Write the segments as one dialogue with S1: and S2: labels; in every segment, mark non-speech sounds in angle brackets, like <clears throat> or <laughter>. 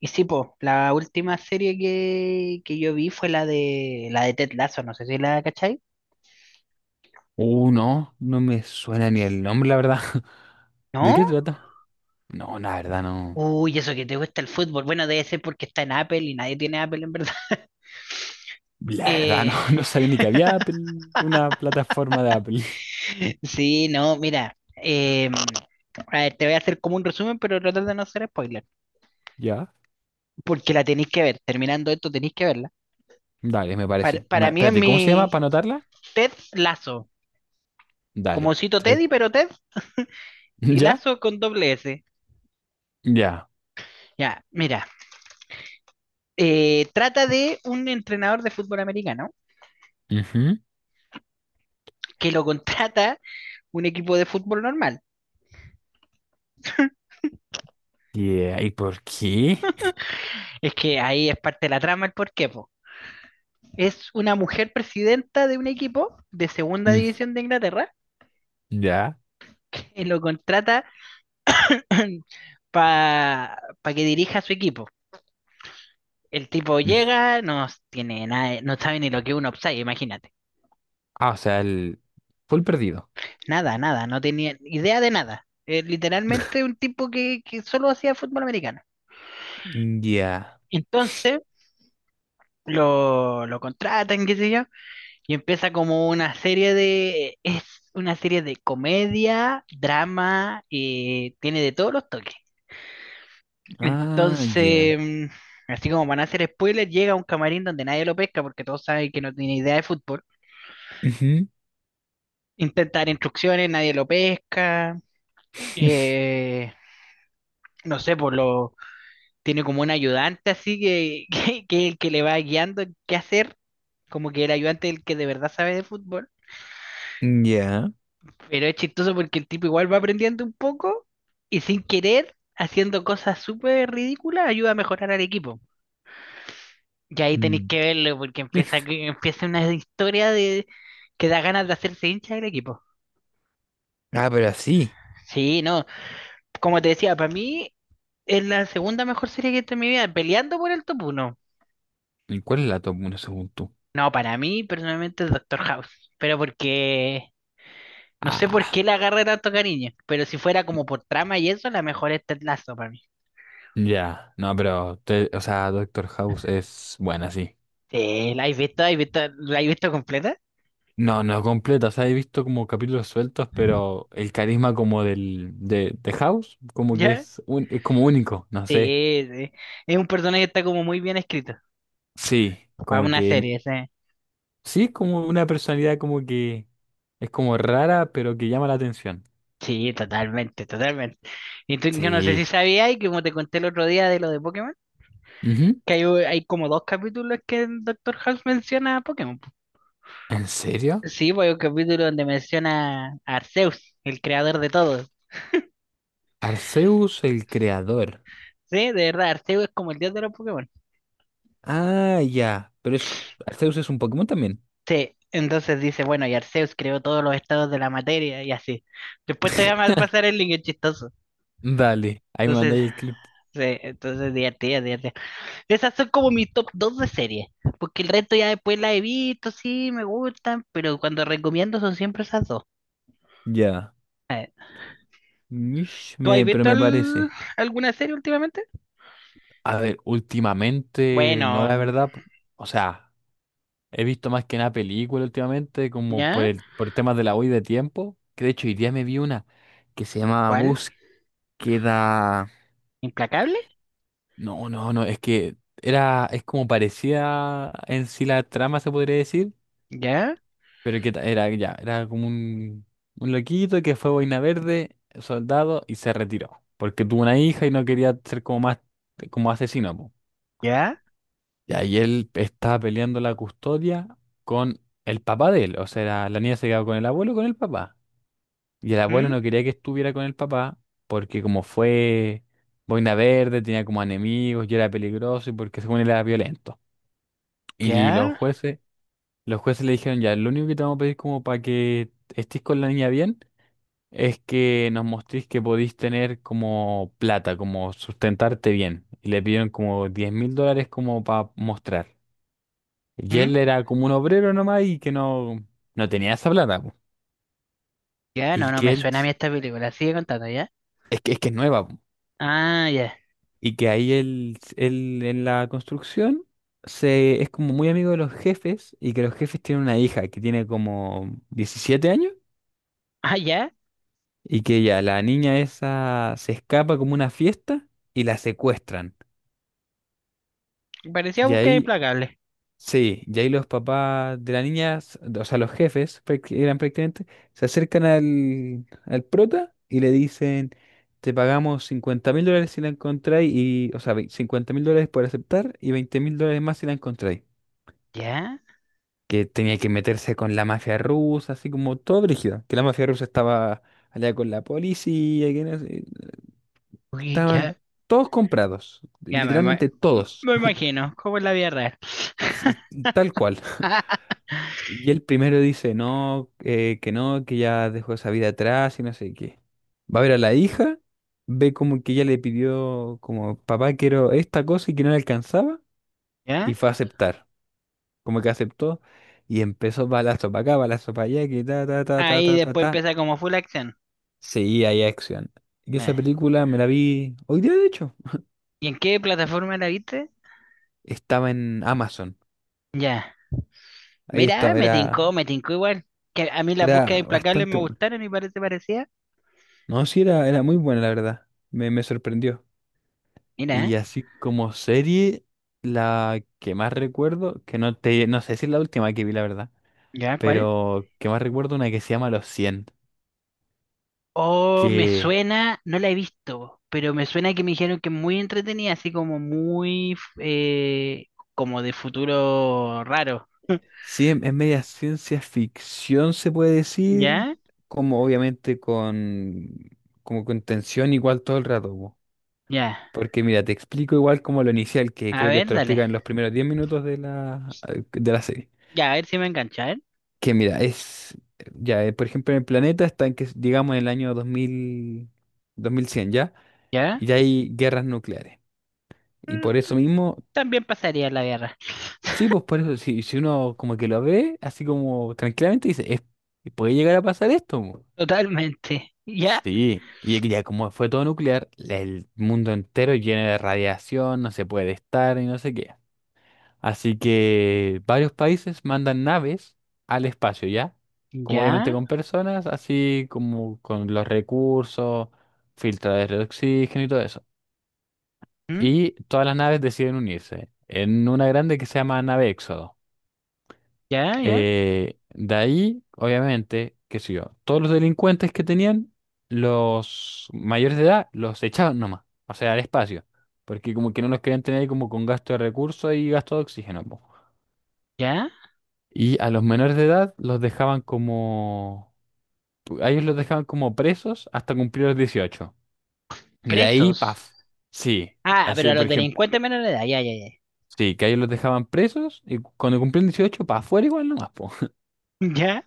S1: Y sí, pues, la última serie que yo vi fue la de Ted Lasso, no sé si la cachai.
S2: No, no me suena ni el nombre, la verdad. <laughs> ¿De qué
S1: ¿No?
S2: trata? No, la verdad no.
S1: Uy, eso que te gusta el fútbol. Bueno, debe ser porque está en Apple y nadie tiene Apple en verdad. <laughs>
S2: La verdad
S1: Eh,
S2: no, <laughs> no sabía ni que había Apple, una plataforma de Apple. <laughs>
S1: sí, no, mira. A ver, te voy a hacer como un resumen, pero tratar de no hacer spoiler.
S2: Ya,
S1: Porque la tenéis que ver. Terminando esto, tenéis que verla.
S2: dale, me
S1: Para,
S2: parece.
S1: para mí es
S2: Espérate, ¿cómo se llama
S1: mi
S2: para anotarla?
S1: Ted Lasso. Como
S2: Dale.
S1: cito Teddy, pero Ted
S2: <laughs>
S1: y
S2: ¿Ya?
S1: Lazo con doble S.
S2: Ya.
S1: Ya, mira. Trata de un entrenador de fútbol americano
S2: Ujú.
S1: que lo contrata un equipo de fútbol normal.
S2: Yeah, ¿y por qué?
S1: Es que ahí es parte de la trama el porqué, po. Es una mujer presidenta de un equipo de segunda
S2: Mm,
S1: división de Inglaterra
S2: ya.
S1: que lo contrata <clears throat> <coughs> para pa que dirija su equipo. El tipo
S2: Mm.
S1: llega, no tiene nada, no sabe ni lo que es un offside, imagínate.
S2: Ah, o sea, el full perdido.
S1: Nada, nada, no tenía idea de nada. Es literalmente un tipo que solo hacía fútbol americano.
S2: Mm, ya.
S1: Entonces, lo contratan, qué sé yo. Y empieza como una serie de, es una serie de comedia, drama, tiene de todos los toques.
S2: Ah, ya.
S1: Entonces, así como van a hacer spoilers, llega a un camarín donde nadie lo pesca porque todos saben que no tiene idea de fútbol.
S2: Ujú.
S1: Intenta dar instrucciones, nadie lo pesca.
S2: <laughs>
S1: eh, no sé, tiene como un ayudante así que, <laughs> que le va guiando qué hacer. Como que el ayudante es el que de verdad sabe de fútbol.
S2: Ya.
S1: Pero es chistoso porque el tipo igual va aprendiendo un poco y sin querer, haciendo cosas súper ridículas, ayuda a mejorar al equipo. Y ahí tenéis
S2: Mm.
S1: que verlo porque empieza una historia de que da ganas de hacerse hincha del equipo.
S2: Ah, pero así.
S1: Sí, no, como te decía, para mí es la segunda mejor serie que he visto en mi vida, peleando por el top uno.
S2: ¿Y cuál es la top 1 según tú?
S1: No, para mí personalmente es Doctor House, pero porque no sé por
S2: Ah,
S1: qué le agarré tanto cariño, pero si fuera como por trama y eso, la mejor es Ted Lasso para mí.
S2: ya. No, pero, o sea, Doctor House es buena, sí.
S1: Sí, ¿la has visto? ¿Has visto? ¿La has visto completa?
S2: No, no completa. O sea, he visto como capítulos sueltos, pero el carisma como del, de House, como que
S1: ¿Ya?
S2: es como único, no sé.
S1: Sí, sí. Es un personaje que está como muy bien escrito
S2: Sí,
S1: para
S2: como
S1: una
S2: que,
S1: serie, sí.
S2: sí, es como una personalidad como que es como rara, pero que llama la atención.
S1: Sí, totalmente, totalmente. Y yo no sé si
S2: Sí.
S1: sabías, y como te conté el otro día de lo de Pokémon,
S2: Ujú.
S1: que hay como dos capítulos que el Doctor House menciona a Pokémon.
S2: ¿En serio?
S1: Sí, pues hay un capítulo donde menciona a Arceus, el creador de todo.
S2: Arceus el creador.
S1: Sí, de verdad, Arceus es como el dios de los Pokémon.
S2: Ah, ya. Pero Arceus es un Pokémon también.
S1: Sí, entonces dice, bueno, y Arceus creó todos los estados de la materia y así. Después te voy
S2: <laughs>
S1: a pasar el link, es chistoso.
S2: Dale, ahí me
S1: Entonces,
S2: mandáis el clip.
S1: sí, entonces divertida, divertida. Esas son como mi top 2 de series, porque el resto ya después la he visto, sí, me gustan, pero cuando recomiendo son siempre esas dos.
S2: Ya.
S1: Eh,
S2: Mish,
S1: ¿Tú has
S2: pero
S1: visto
S2: me parece.
S1: alguna serie últimamente?
S2: A ver, últimamente, no
S1: Bueno,
S2: la
S1: mm,
S2: verdad, o sea, he visto más que una película últimamente, como por
S1: ¿ya?
S2: el, por temas de la hoy de tiempo, que de hecho hoy día me vi una que se llama
S1: ¿Cuál?
S2: Búsqueda.
S1: ¿Implacable?
S2: No, no, no, es que era, es como parecía en sí la trama, se podría decir,
S1: ¿Ya?
S2: pero que era como un loquito que fue boina verde, soldado, y se retiró, porque tuvo una hija y no quería ser como más, como asesino,
S1: ¿Ya?
S2: y ahí él estaba peleando la custodia con el papá de él. O sea, la niña se quedaba con el abuelo o con el papá. Y el abuelo
S1: ¿Mm?
S2: no quería que estuviera con el papá porque como fue boina verde, tenía como enemigos y era peligroso y porque según él era violento. Y los
S1: ¿Ya?
S2: jueces, los jueces le dijeron, ya, lo único que te vamos a pedir como para que estés con la niña bien es que nos mostréis que podéis tener como plata, como sustentarte bien. Y le pidieron como $10,000 como para mostrar. Y
S1: ¿Mm?
S2: él era como un obrero nomás y que no, no tenía esa plata. Po.
S1: ¿Ya?
S2: Y
S1: No, no
S2: que
S1: me
S2: él,
S1: suena a mí esta película, sigue contando, ¿ya?
S2: es que es nueva. Po.
S1: Ah, ya.
S2: Y que ahí él en la construcción se, es como muy amigo de los jefes y que los jefes tienen una hija que tiene como 17 años
S1: Ah, ya.
S2: y que ya la niña esa se escapa como una fiesta y la secuestran.
S1: Parecía
S2: Y
S1: búsqueda
S2: ahí
S1: implacable.
S2: Sí, y ahí los papás de la niña, o sea, los jefes, eran prácticamente, se acercan al prota y le dicen, te pagamos $50,000 si la encontráis, y, o sea, 50 mil dólares por aceptar y $20,000 más si la encontráis.
S1: ¿Ya?
S2: Que tenía que meterse con la mafia rusa, así como todo brígido, que la mafia rusa estaba allá con la policía, que no sé,
S1: Uy,
S2: estaban
S1: ya.
S2: todos comprados,
S1: Ya me, ima-
S2: literalmente todos,
S1: me imagino, como es la vida real.
S2: <laughs> sí, tal cual.
S1: <laughs>
S2: Y el primero dice, no, que no, que ya dejó esa vida atrás y no sé qué. Va a ver a la hija, ve como que ella le pidió, como, papá, quiero esta cosa y que no le alcanzaba,
S1: ¿Ya?
S2: y fue a aceptar. Como que aceptó y empezó balazo para acá, balazo para allá, que ta, ta, ta, ta,
S1: Ahí
S2: ta, ta,
S1: después
S2: ta.
S1: empieza como full action.
S2: Seguía ahí acción. Y esa
S1: Ya.
S2: película me la vi hoy día, de hecho.
S1: ¿Y en qué plataforma la viste?
S2: Estaba en Amazon.
S1: Ya.
S2: Ahí
S1: Mira,
S2: estaba, era,
S1: me tincó igual. Que a mí las
S2: era
S1: búsquedas implacables
S2: bastante
S1: me
S2: buena.
S1: gustaron y parece parecía.
S2: No, sí, era muy buena, la verdad. Me sorprendió. Y
S1: Mira,
S2: así como serie, la que más recuerdo, que no sé si es la última que vi, la verdad,
S1: ¿ya cuál?
S2: pero que más recuerdo una que se llama Los cien
S1: Oh, me
S2: que
S1: suena, no la he visto, pero me suena que me dijeron que es muy entretenida, así como muy, como de futuro raro.
S2: sí es media ciencia ficción, se puede decir,
S1: ¿Ya?
S2: como obviamente como con tensión igual todo el rato. Po.
S1: Ya.
S2: Porque mira, te explico igual como lo inicial, que
S1: A
S2: creo que
S1: ver,
S2: esto lo
S1: dale.
S2: explica en los primeros 10 minutos de la serie.
S1: Ya, a ver si me engancha, ¿eh?
S2: Que mira, ya, por ejemplo, en el planeta está en que, digamos, en el año 2000 2100, ¿ya?
S1: ¿Ya?
S2: Y ya hay guerras nucleares. Y por eso mismo,
S1: También pasaría la guerra.
S2: sí, pues por eso, si uno como que lo ve, así como tranquilamente, dice, Puede llegar a pasar esto. Mo".
S1: Totalmente. Ya,
S2: Sí, y que ya como fue todo nuclear, el mundo entero lleno de radiación, no se puede estar y no sé qué. Así que varios países mandan naves al espacio, ¿ya? Como obviamente
S1: ya,
S2: con personas, así como con los recursos, filtradores de oxígeno y todo eso.
S1: ¿mm?
S2: Y todas las naves deciden unirse en una grande que se llama nave Éxodo.
S1: Ya, ya,
S2: De ahí, obviamente, qué sé yo, todos los delincuentes que tenían, los mayores de edad, los echaban nomás, o sea, al espacio, porque como que no los querían tener ahí como con gasto de recursos y gasto de oxígeno. Po.
S1: ya.
S2: Y a los menores de edad los dejaban como... A ellos los dejaban como presos hasta cumplir los 18. Y de ahí,
S1: Presos.
S2: paf. Sí,
S1: Ah, pero
S2: así
S1: a
S2: por
S1: los
S2: ejemplo.
S1: delincuentes menores de edad, ya, ya, ya. <laughs>
S2: Sí, que a ellos los dejaban presos y cuando cumplían 18 para afuera igual nomás, po.
S1: Ya,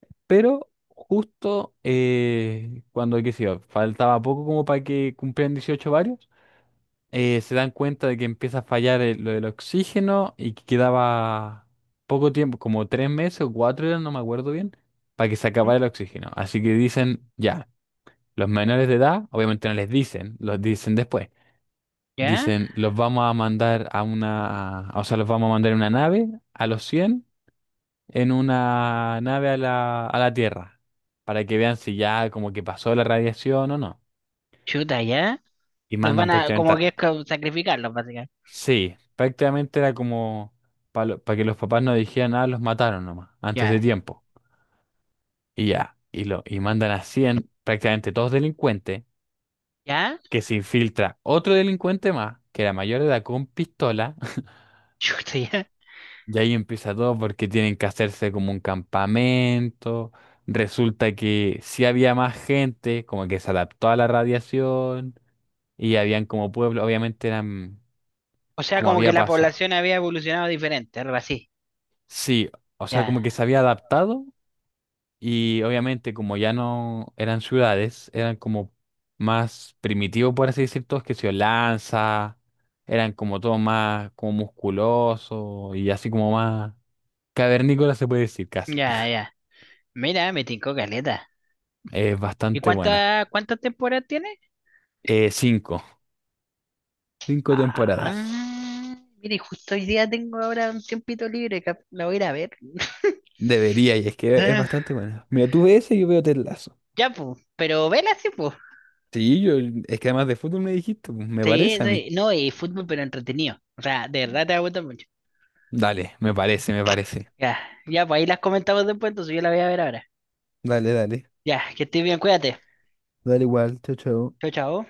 S2: <laughs> Pero justo cuando, qué sé yo, faltaba poco como para que cumplieran 18 varios, se dan cuenta de que empieza a fallar lo del oxígeno y que quedaba poco tiempo, como 3 meses o 4 eran, no me acuerdo bien, para que se
S1: ¿mm?
S2: acabara el oxígeno. Así que dicen, ya, los menores de edad, obviamente no les dicen, los dicen después.
S1: Ya,
S2: Dicen, los vamos a mandar a una, o sea, los vamos a mandar en una nave a los 100 en una nave a la Tierra, para que vean si ya como que pasó la radiación o no.
S1: chuta, ya.
S2: Y
S1: Los
S2: mandan
S1: van a,
S2: prácticamente
S1: como que es como sacrificarlos, básicamente.
S2: Sí, prácticamente era como para que los papás no dijeran nada, los mataron nomás, antes de
S1: Ya,
S2: tiempo. Y ya, y mandan a 100 prácticamente todos delincuentes,
S1: ya,
S2: que se infiltra otro delincuente más, que era mayor de edad con pistola, <laughs>
S1: <laughs> chuta, ya.
S2: y ahí empieza todo porque tienen que hacerse como un campamento. Resulta que sí había más gente, como que se adaptó a la radiación, y habían como pueblo, obviamente eran
S1: O sea,
S2: como
S1: como que
S2: había
S1: la
S2: pasado.
S1: población había evolucionado diferente, algo así.
S2: Sí, o sea,
S1: Ya,
S2: como que se había adaptado. Y obviamente, como ya no eran ciudades, eran como más primitivos, por así decir, todos que se lanza, eran como todo más como musculoso y así como más cavernícola se puede decir casi.
S1: ya,
S2: <laughs>
S1: ya. Mira, me tincó caleta.
S2: Es
S1: ¿Y
S2: bastante
S1: cuánta,
S2: buena.
S1: cuántas temporadas tiene?
S2: Eh, cinco, cinco
S1: Ah,
S2: temporadas.
S1: mire, justo hoy día tengo ahora un tiempito libre, la voy a ir a ver. <laughs>
S2: Debería, y es que es
S1: Eh,
S2: bastante buena. Mira, tú ves ese y yo veo Ted Lasso.
S1: Ya, pues, pero vela sí, pues.
S2: Sí, yo, es que además de fútbol me dijiste, pues, me
S1: Sí,
S2: parece a mí.
S1: sí, no, y fútbol, pero entretenido. O sea, de verdad te va a gustar mucho.
S2: Dale, me parece, me parece.
S1: Ya, ya, pues ahí las comentamos después, entonces yo la voy a ver ahora.
S2: Dale, dale.
S1: Ya, que estés bien, cuídate.
S2: Dale igual, chao, chao.
S1: Chao, chao.